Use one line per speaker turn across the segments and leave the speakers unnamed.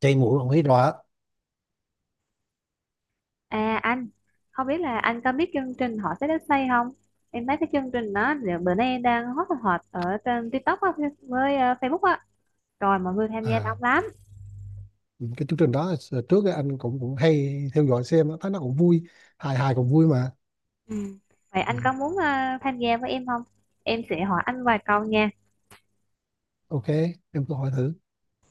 Chảy mũi ông thấy rõ.
À anh, không biết là anh có biết chương trình Họ Sẽ Đất xây không? Em thấy cái chương trình đó giờ bữa nay đang hot hot ở trên TikTok á, với Facebook á. Rồi mọi người tham gia
à
đông lắm.
những cái chương trình đó trước ấy anh cũng cũng hay theo dõi xem á, thấy nó cũng vui, hài hài cũng vui mà.
Ừ. Vậy
Ừ.
anh có muốn tham gia với em không? Em sẽ hỏi anh vài câu nha.
OK, em cứ hỏi thử.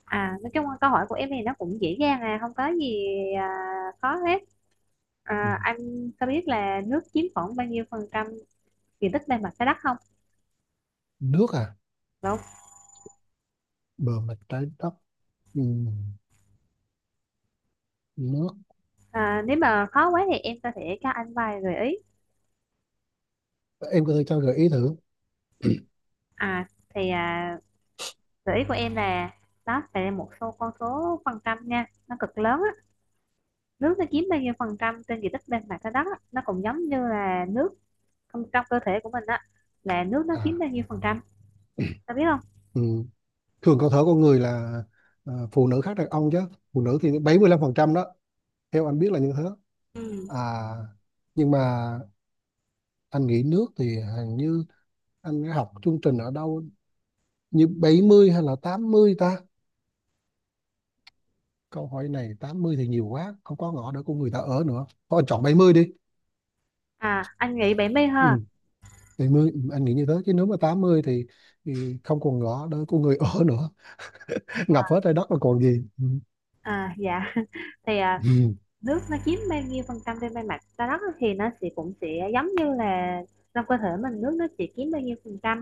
À, nói chung là câu hỏi của em thì nó cũng dễ dàng à, không có gì à, khó hết.
Ừ.
À, anh có biết là nước chiếm khoảng bao nhiêu phần trăm diện tích bề mặt trái đất không?
Nước à?
Đúng.
Bờ mặt trái đất. Ừ. Nước.
À, nếu mà khó quá thì em có thể cho anh vài gợi ý.
Em có thể cho gợi ý thử.
À, thì à, gợi ý của em là nó sẽ một số con số phần trăm nha, nó cực lớn á. Nước nó chiếm bao nhiêu phần trăm trên diện tích bên mặt trái đất á, nó cũng giống như là nước trong cơ thể của mình á, là nước nó chiếm
à
bao nhiêu phần trăm ta biết không?
ừ. Thường cơ thể con người là, phụ nữ khác đàn ông chứ. Phụ nữ thì 75% đó, theo anh biết là như thế.
Ừ.
à nhưng mà anh nghĩ nước thì hình như anh đã học chương trình ở đâu, như 70 hay là 80 ta. Câu hỏi này 80 thì nhiều quá, không có ngõ để của người ta ở nữa. Thôi anh chọn 70 đi.
À anh nghĩ bảy mươi
Ừ,
ha.
bảy mươi, ừ, anh nghĩ như thế. Chứ nếu mà 80 thì không còn ngõ để của người ở nữa. Ngập hết trái đất là còn gì. Ừ.
À dạ thì à,
Ừ.
nước nó chiếm bao nhiêu phần trăm trên bề mặt trái đất á, thì nó sẽ cũng sẽ giống như là trong cơ thể mình nước nó chỉ chiếm bao nhiêu phần trăm.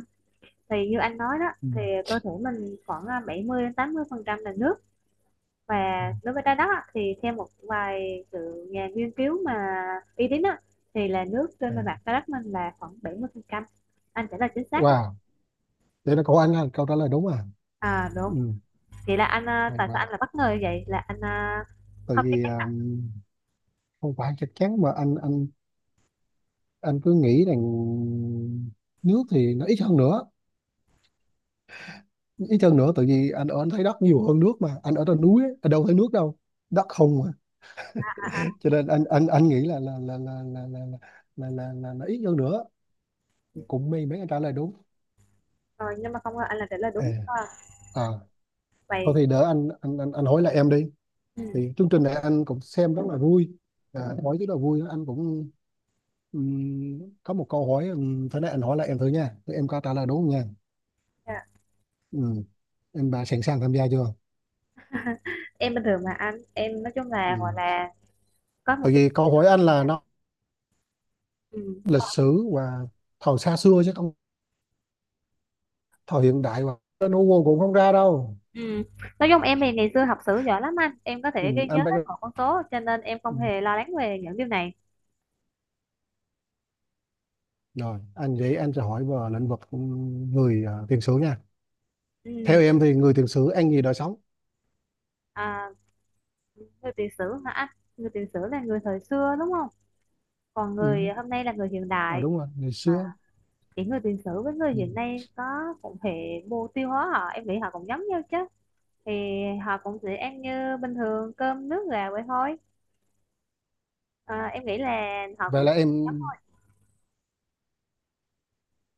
Thì như anh nói đó
Ừ.
thì cơ thể mình khoảng à, 70 đến 80 phần trăm là nước. Và
Ừ.
đối với trái đất á, thì theo một vài sự nhà nghiên cứu mà uy tín á, thì là nước trên bề
À.
mặt trái đất mình là khoảng 70%, anh trả lời chính xác đó.
Wow, vậy là cậu anh là câu trả lời đúng à.
À đúng,
Ừ,
vậy là anh à,
hay
tại sao
quá.
anh là bất ngờ như vậy, là anh à,
Tại
không chắc
vì
chắn à?
không phải chắc chắn mà anh anh cứ nghĩ rằng nước thì nó ít hơn nữa. Ít hơn nữa tại vì anh ở, anh thấy đất nhiều hơn nước mà. Anh ở trên núi, ấy, anh đâu thấy nước đâu. Đất không, cho nên anh nghĩ là, ít hơn nữa. Cũng may mấy anh trả lời đúng.
Rồi nhưng mà không ngờ anh là trả lời
à,
đúng à,
à Thôi
vậy.
thì đỡ anh hỏi lại em đi.
Ừ.
Thì chương trình này anh cũng xem rất là vui, hỏi rất là vui, anh cũng có một câu hỏi, thế này anh hỏi lại em thử nha. Thì em có trả lời đúng không nha.
Dạ.
Ừm, em bà sẵn sàng tham gia chưa.
Em bình thường mà anh, em nói chung là gọi
Ừm,
là có một
tại
cái.
vì câu hỏi anh là nó
Ừ.
lịch sử và thời xa xưa, chứ không thời hiện đại, và nó Google cũng không ra đâu.
Ừ. Nói chung em thì ngày xưa học sử giỏi lắm anh, em có thể ghi nhớ
Anh phải.
hết một con số cho nên em không hề lo lắng về những điều này.
Rồi, anh vậy anh sẽ hỏi vào lĩnh vực người tiền sử nha. Theo
Ừ.
em thì người tiền sử ăn gì đời sống?
À, người tiền sử hả? Người tiền sử là người thời xưa đúng không, còn người
Ừ.
hôm nay là người hiện
Ờ,
đại.
đúng rồi, ngày xưa.
À, thì người tiền sử với người
Ừ.
hiện nay có cũng hệ mô tiêu hóa, họ em nghĩ họ cũng giống nhau chứ. Thì họ cũng sẽ ăn như bình thường, cơm nước gà vậy thôi. À, em nghĩ là họ
Vậy
cũng.
là em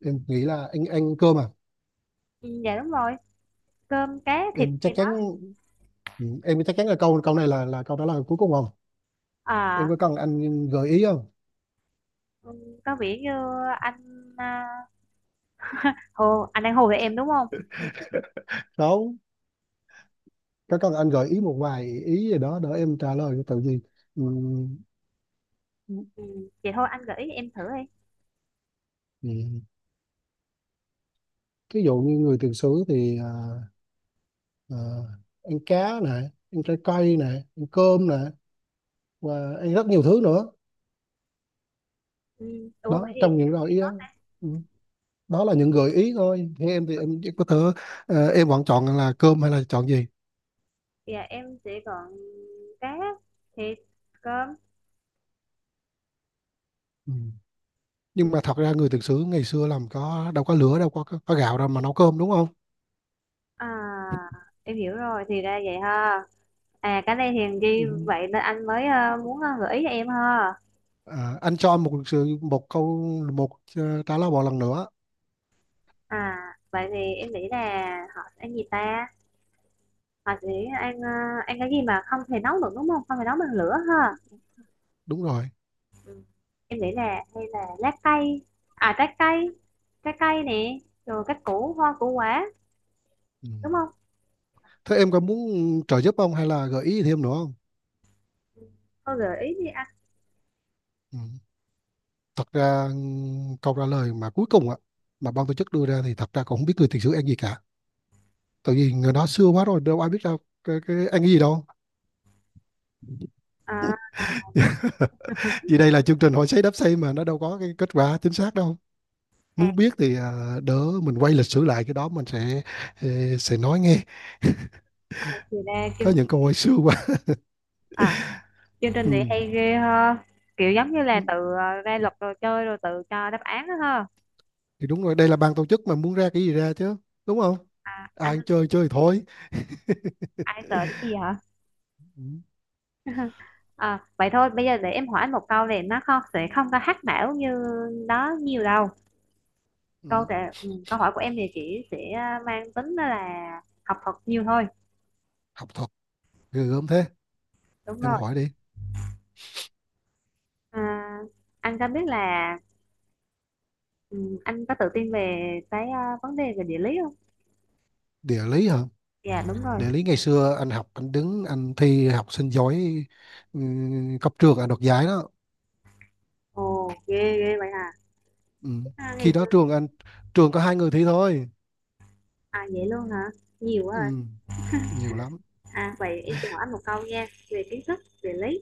em nghĩ là anh ăn cơm à?
Ừ, dạ đúng rồi, cơm cá thịt
Em
gì
chắc
đó.
chắn, ừ, em chắc chắn là câu câu này là câu trả lời cuối cùng không? Em
À
có cần anh gợi ý không?
ừ, có vẻ như anh à, hồ anh đang hồ với em đúng không?
Đâu, có cần anh gợi ý một vài ý gì đó để em trả lời tự gì? Ừ.
Ừ, vậy thôi anh gợi ý em thử đi.
Ừ. Ví dụ như người tiền sử thì ờ, ăn cá này, ăn trái cây này, ăn cơm này và ăn rất nhiều thứ nữa,
Ừ, ủa vậy
đó
thì
trong những gợi ý đó. Ừ, đó là những gợi ý thôi. Thế em thì em chỉ có thể, ờ, em vẫn chọn là cơm hay là chọn gì.
dạ em sẽ gọn cá, thịt, cơm.
Ừ. Nhưng mà thật ra người thực sự ngày xưa làm có đâu có lửa, đâu có có gạo đâu mà nấu cơm, đúng không.
À em hiểu rồi, thì ra vậy ha. À cái này thì ghi
Ừ.
vậy nên anh mới muốn gợi ý cho em ha.
À, anh cho em một sự một câu, một, ờ, trả lời một lần nữa.
À vậy thì em nghĩ là họ sẽ ăn gì ta? Họ sẽ ăn ăn cái gì mà không thể nấu được đúng không? Không thể nấu bằng lửa ha.
Đúng rồi.
Ừ. Em nghĩ là hay là lá cây. À trái cây. Trái cây nè. Rồi cái củ hoa củ quả
Ừ.
đúng không?
Thế em có muốn trợ giúp không hay là gợi ý thêm nữa không.
Cô gợi ý đi anh.
Ừ. Thật ra, ừ, câu trả lời mà cuối cùng ạ, mà ban tổ chức đưa ra thì thật ra cũng không biết người thực sự ăn gì cả, tại vì người đó xưa quá rồi đâu ai biết đâu cái ăn cái gì đâu.
À,
Vì đây là chương trình hỏi sấy đáp xây mà, nó đâu có cái kết quả chính xác đâu.
à,
Muốn biết thì à, đỡ mình quay lịch sử lại, cái đó mình sẽ, ờ, sẽ nói nghe.
à, thì ra
Có
kim.
những câu hỏi xưa quá.
À chương
Ừ.
trình này hay ghê ha, kiểu giống như là tự ra luật rồi chơi rồi tự cho đáp án đó ha.
Thì đúng rồi, đây là ban tổ chức mà, muốn ra cái gì ra chứ, đúng không.
À,
Ai
anh
ăn chơi chơi thôi.
ai sợ cái gì hả?
Ừ.
À, vậy thôi bây giờ để em hỏi anh một câu này, nó không sẽ không có hack não như đó nhiều đâu. Câu
Ừ.
trả, ừ, câu hỏi của em thì chỉ sẽ mang tính đó là học thuật nhiều thôi.
Học thuật ghê gớm thế.
Đúng
Em
rồi.
hỏi đi.
À, anh có biết là ừ, anh có tự tin về cái vấn đề về địa lý không?
Địa lý hả?
Dạ đúng rồi.
Địa lý ngày xưa anh học, anh đứng anh thi học sinh giỏi, ừ, cấp trường anh đoạt giải đó.
Ồ ghê ghê vậy hả.
Ừ.
À, ngày
Khi
xưa.
đó trường anh, trường có hai người thi thôi.
À vậy luôn hả, nhiều quá à.
Ừ. Nhiều lắm.
À, vậy em sẽ hỏi anh một câu nha về kiến thức địa lý.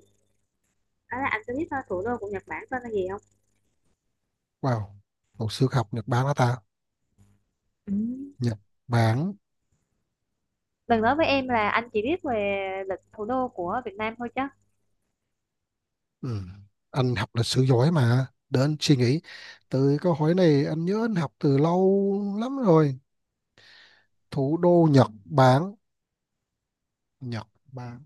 Đó là anh có biết thủ đô của Nhật Bản tên là gì không?
Wow, hồi xưa học Nhật Bản hả ta.
Ừ.
Nhật Bản.
Đừng nói với em là anh chỉ biết về lịch thủ đô của Việt Nam thôi chứ.
Ừ. Anh học lịch sử giỏi mà, để anh suy nghĩ. Từ câu hỏi này anh nhớ anh học từ lâu lắm rồi. Thủ đô Nhật Bản. Nhật Bản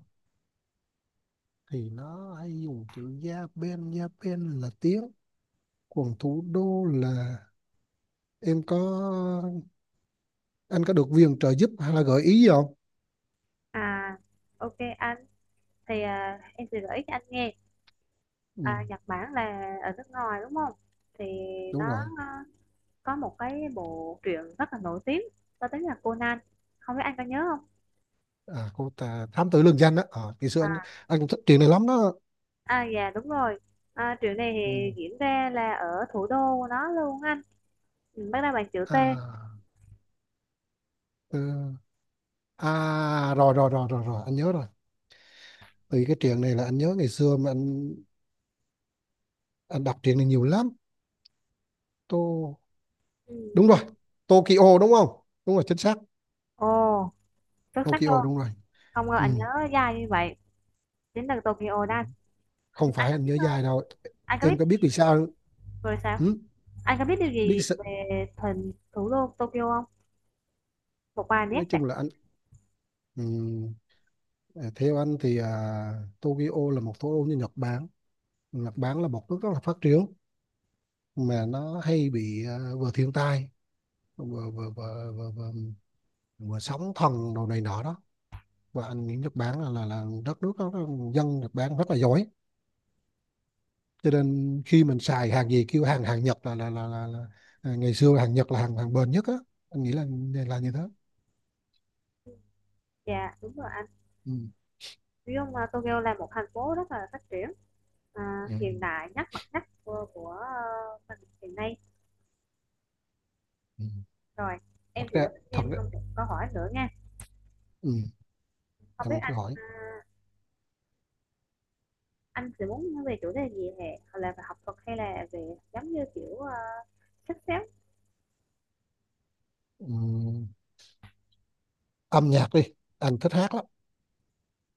thì nó hay dùng chữ Japan, Japan là tiếng. Còn thủ đô là, em có, anh có được viện trợ giúp hay là gợi ý gì không.
À, ok anh. Thì à, em sẽ gợi ý cho anh nghe.
Ừ.
À, Nhật Bản là ở nước ngoài đúng không? Thì
Đúng
nó
rồi.
à, có một cái bộ truyện rất là nổi tiếng có tiếng là Conan. Không biết anh có nhớ không?
À, cô ta thám tử lương danh đó. Ờ, ngày xưa anh
À,
anh cũng thích chuyện này lắm đó.
à dạ đúng rồi. À, truyện này
Ừ.
thì diễn ra là ở thủ đô của nó luôn anh. Ừ, bắt đầu bằng chữ T.
À, ừ. À rồi, rồi rồi rồi rồi anh nhớ rồi. Từ cái chuyện này là anh nhớ ngày xưa mà anh đọc chuyện này nhiều lắm. Tô,
Ừ.
đúng rồi, Tokyo đúng không, đúng rồi, chính xác.
Ồ, xuất sắc
Tokyo
luôn.
đúng rồi.
Không ngờ
Ừ.
anh nhớ dài như vậy. Đến từ Tokyo đó. Ừ,
Không
anh
phải
có
anh
biết
nhớ
thôi.
dài đâu.
Anh có
Em có biết
biết
vì sao không?
rồi sao?
Ừ,
Anh có biết điều
biết
gì
sự-,
về thành thủ đô Tokyo không? Một vài nét
nói
đặc.
chung là anh ừm, theo anh thì à, Tokyo là một thủ đô như Nhật Bản. Nhật Bản là một nước rất là phát triển, mà nó hay bị ờ, vừa thiên tai, vừa vừa vừa, vừa, vừa, vừa sóng thần đồ này nọ đó. Và anh nghĩ Nhật Bản là là đất nước đó, dân Nhật Bản rất là giỏi, cho nên khi mình xài hàng gì kêu hàng, hàng Nhật là là, à, ngày xưa hàng Nhật là hàng, hàng bền nhất á, anh nghĩ là như thế.
Dạ, đúng rồi anh.
Ừ.
Nói chung là Tokyo là một thành phố rất là phát triển, à,
Ừ.
hiện đại nhất mặt nhất của mình hiện nay.
Ừ.
Rồi,
Thật
em sẽ
ra,
đọc
thật
thêm
ra,
một câu hỏi nữa nha.
ừ,
Không biết
em
anh
cứ hỏi.
à, anh sẽ muốn nói về chủ đề gì hả? Hoặc là về học thuật hay là về giống như kiểu sách xếp.
Ừ. Âm nhạc đi, anh thích hát lắm.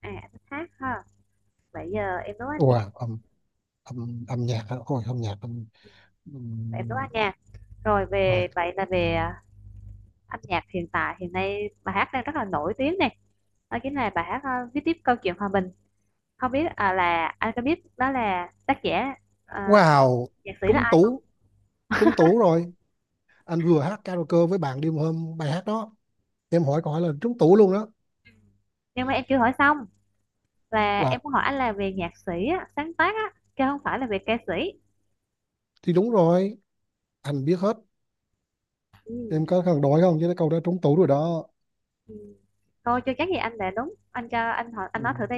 À, anh hát ha? Nãy giờ em nấu ăn nhạc,
Wow, âm âm âm nhạc á. Ôi âm nhạc âm... Ừ.
em nấu ăn nhạc. Rồi
Rồi.
về vậy là về à, âm nhạc hiện tại hiện nay bài hát đang rất là nổi tiếng này. Đó chính là bài hát à, viết tiếp câu chuyện hòa bình. Không biết à, là anh có biết đó là tác giả à,
Wow,
nhạc sĩ là
trúng
ai không?
tủ, trúng tủ rồi. Anh vừa hát karaoke với bạn đêm hôm bài hát đó. Em hỏi câu hỏi là trúng tủ luôn đó.
Nhưng mà em chưa hỏi xong, là
Wow,
em muốn hỏi anh là về nhạc sĩ á, sáng tác á, chứ không phải là về ca sĩ.
thì đúng rồi, anh biết hết.
Ừ.
Em có cần đổi không chứ cái câu đó trúng tủ rồi đó.
Ừ. Thôi chưa chắc gì anh đã đúng. Anh cho anh hỏi anh
Ừ.
nói thử đi.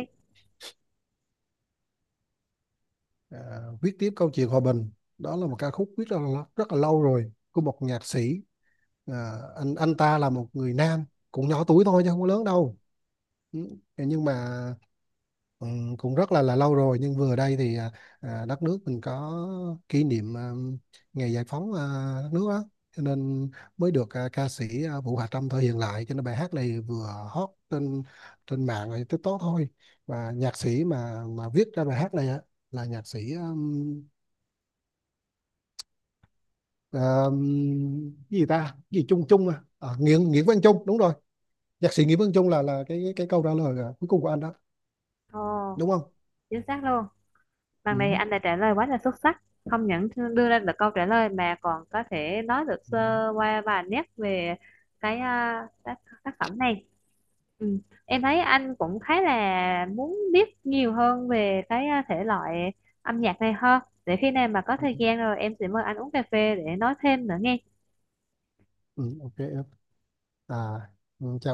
À, viết tiếp câu chuyện hòa bình. Đó là một ca khúc viết rất là lâu rồi của một nhạc sĩ. À, anh ta là một người nam, cũng nhỏ tuổi thôi chứ không có lớn đâu. Ừ. Nhưng mà, ừ, cũng rất là lâu rồi nhưng vừa đây thì à, à, đất nước mình có kỷ niệm à, ngày giải phóng à, đất nước á, cho nên mới được à, ca sĩ à, Vũ Hà Trâm thể hiện lại, cho nên bài hát này vừa hot trên, trên mạng rồi TikTok thôi. Và nhạc sĩ mà viết ra bài hát này á là nhạc sĩ cái gì ta. Cái gì Trung, Trung à, à Nguyễn, Nguyễn Văn Trung, đúng rồi, nhạc sĩ Nguyễn Văn Trung là cái câu trả lời à, cuối cùng của anh đó,
Ồ,
đúng không.
chính xác luôn. Lần này
Ừ.
anh đã trả lời quá là xuất sắc, không những đưa ra được câu trả lời mà còn có thể nói được sơ qua vài nét về cái à, tác, tác phẩm này. Ừ. Em thấy anh cũng khá là muốn biết nhiều hơn về cái à, thể loại âm nhạc này hơn. Để khi nào mà có
Ừ.
thời gian rồi em sẽ mời anh uống cà phê để nói thêm nữa nghe.
Ừ, OK. À, ừ, chào em.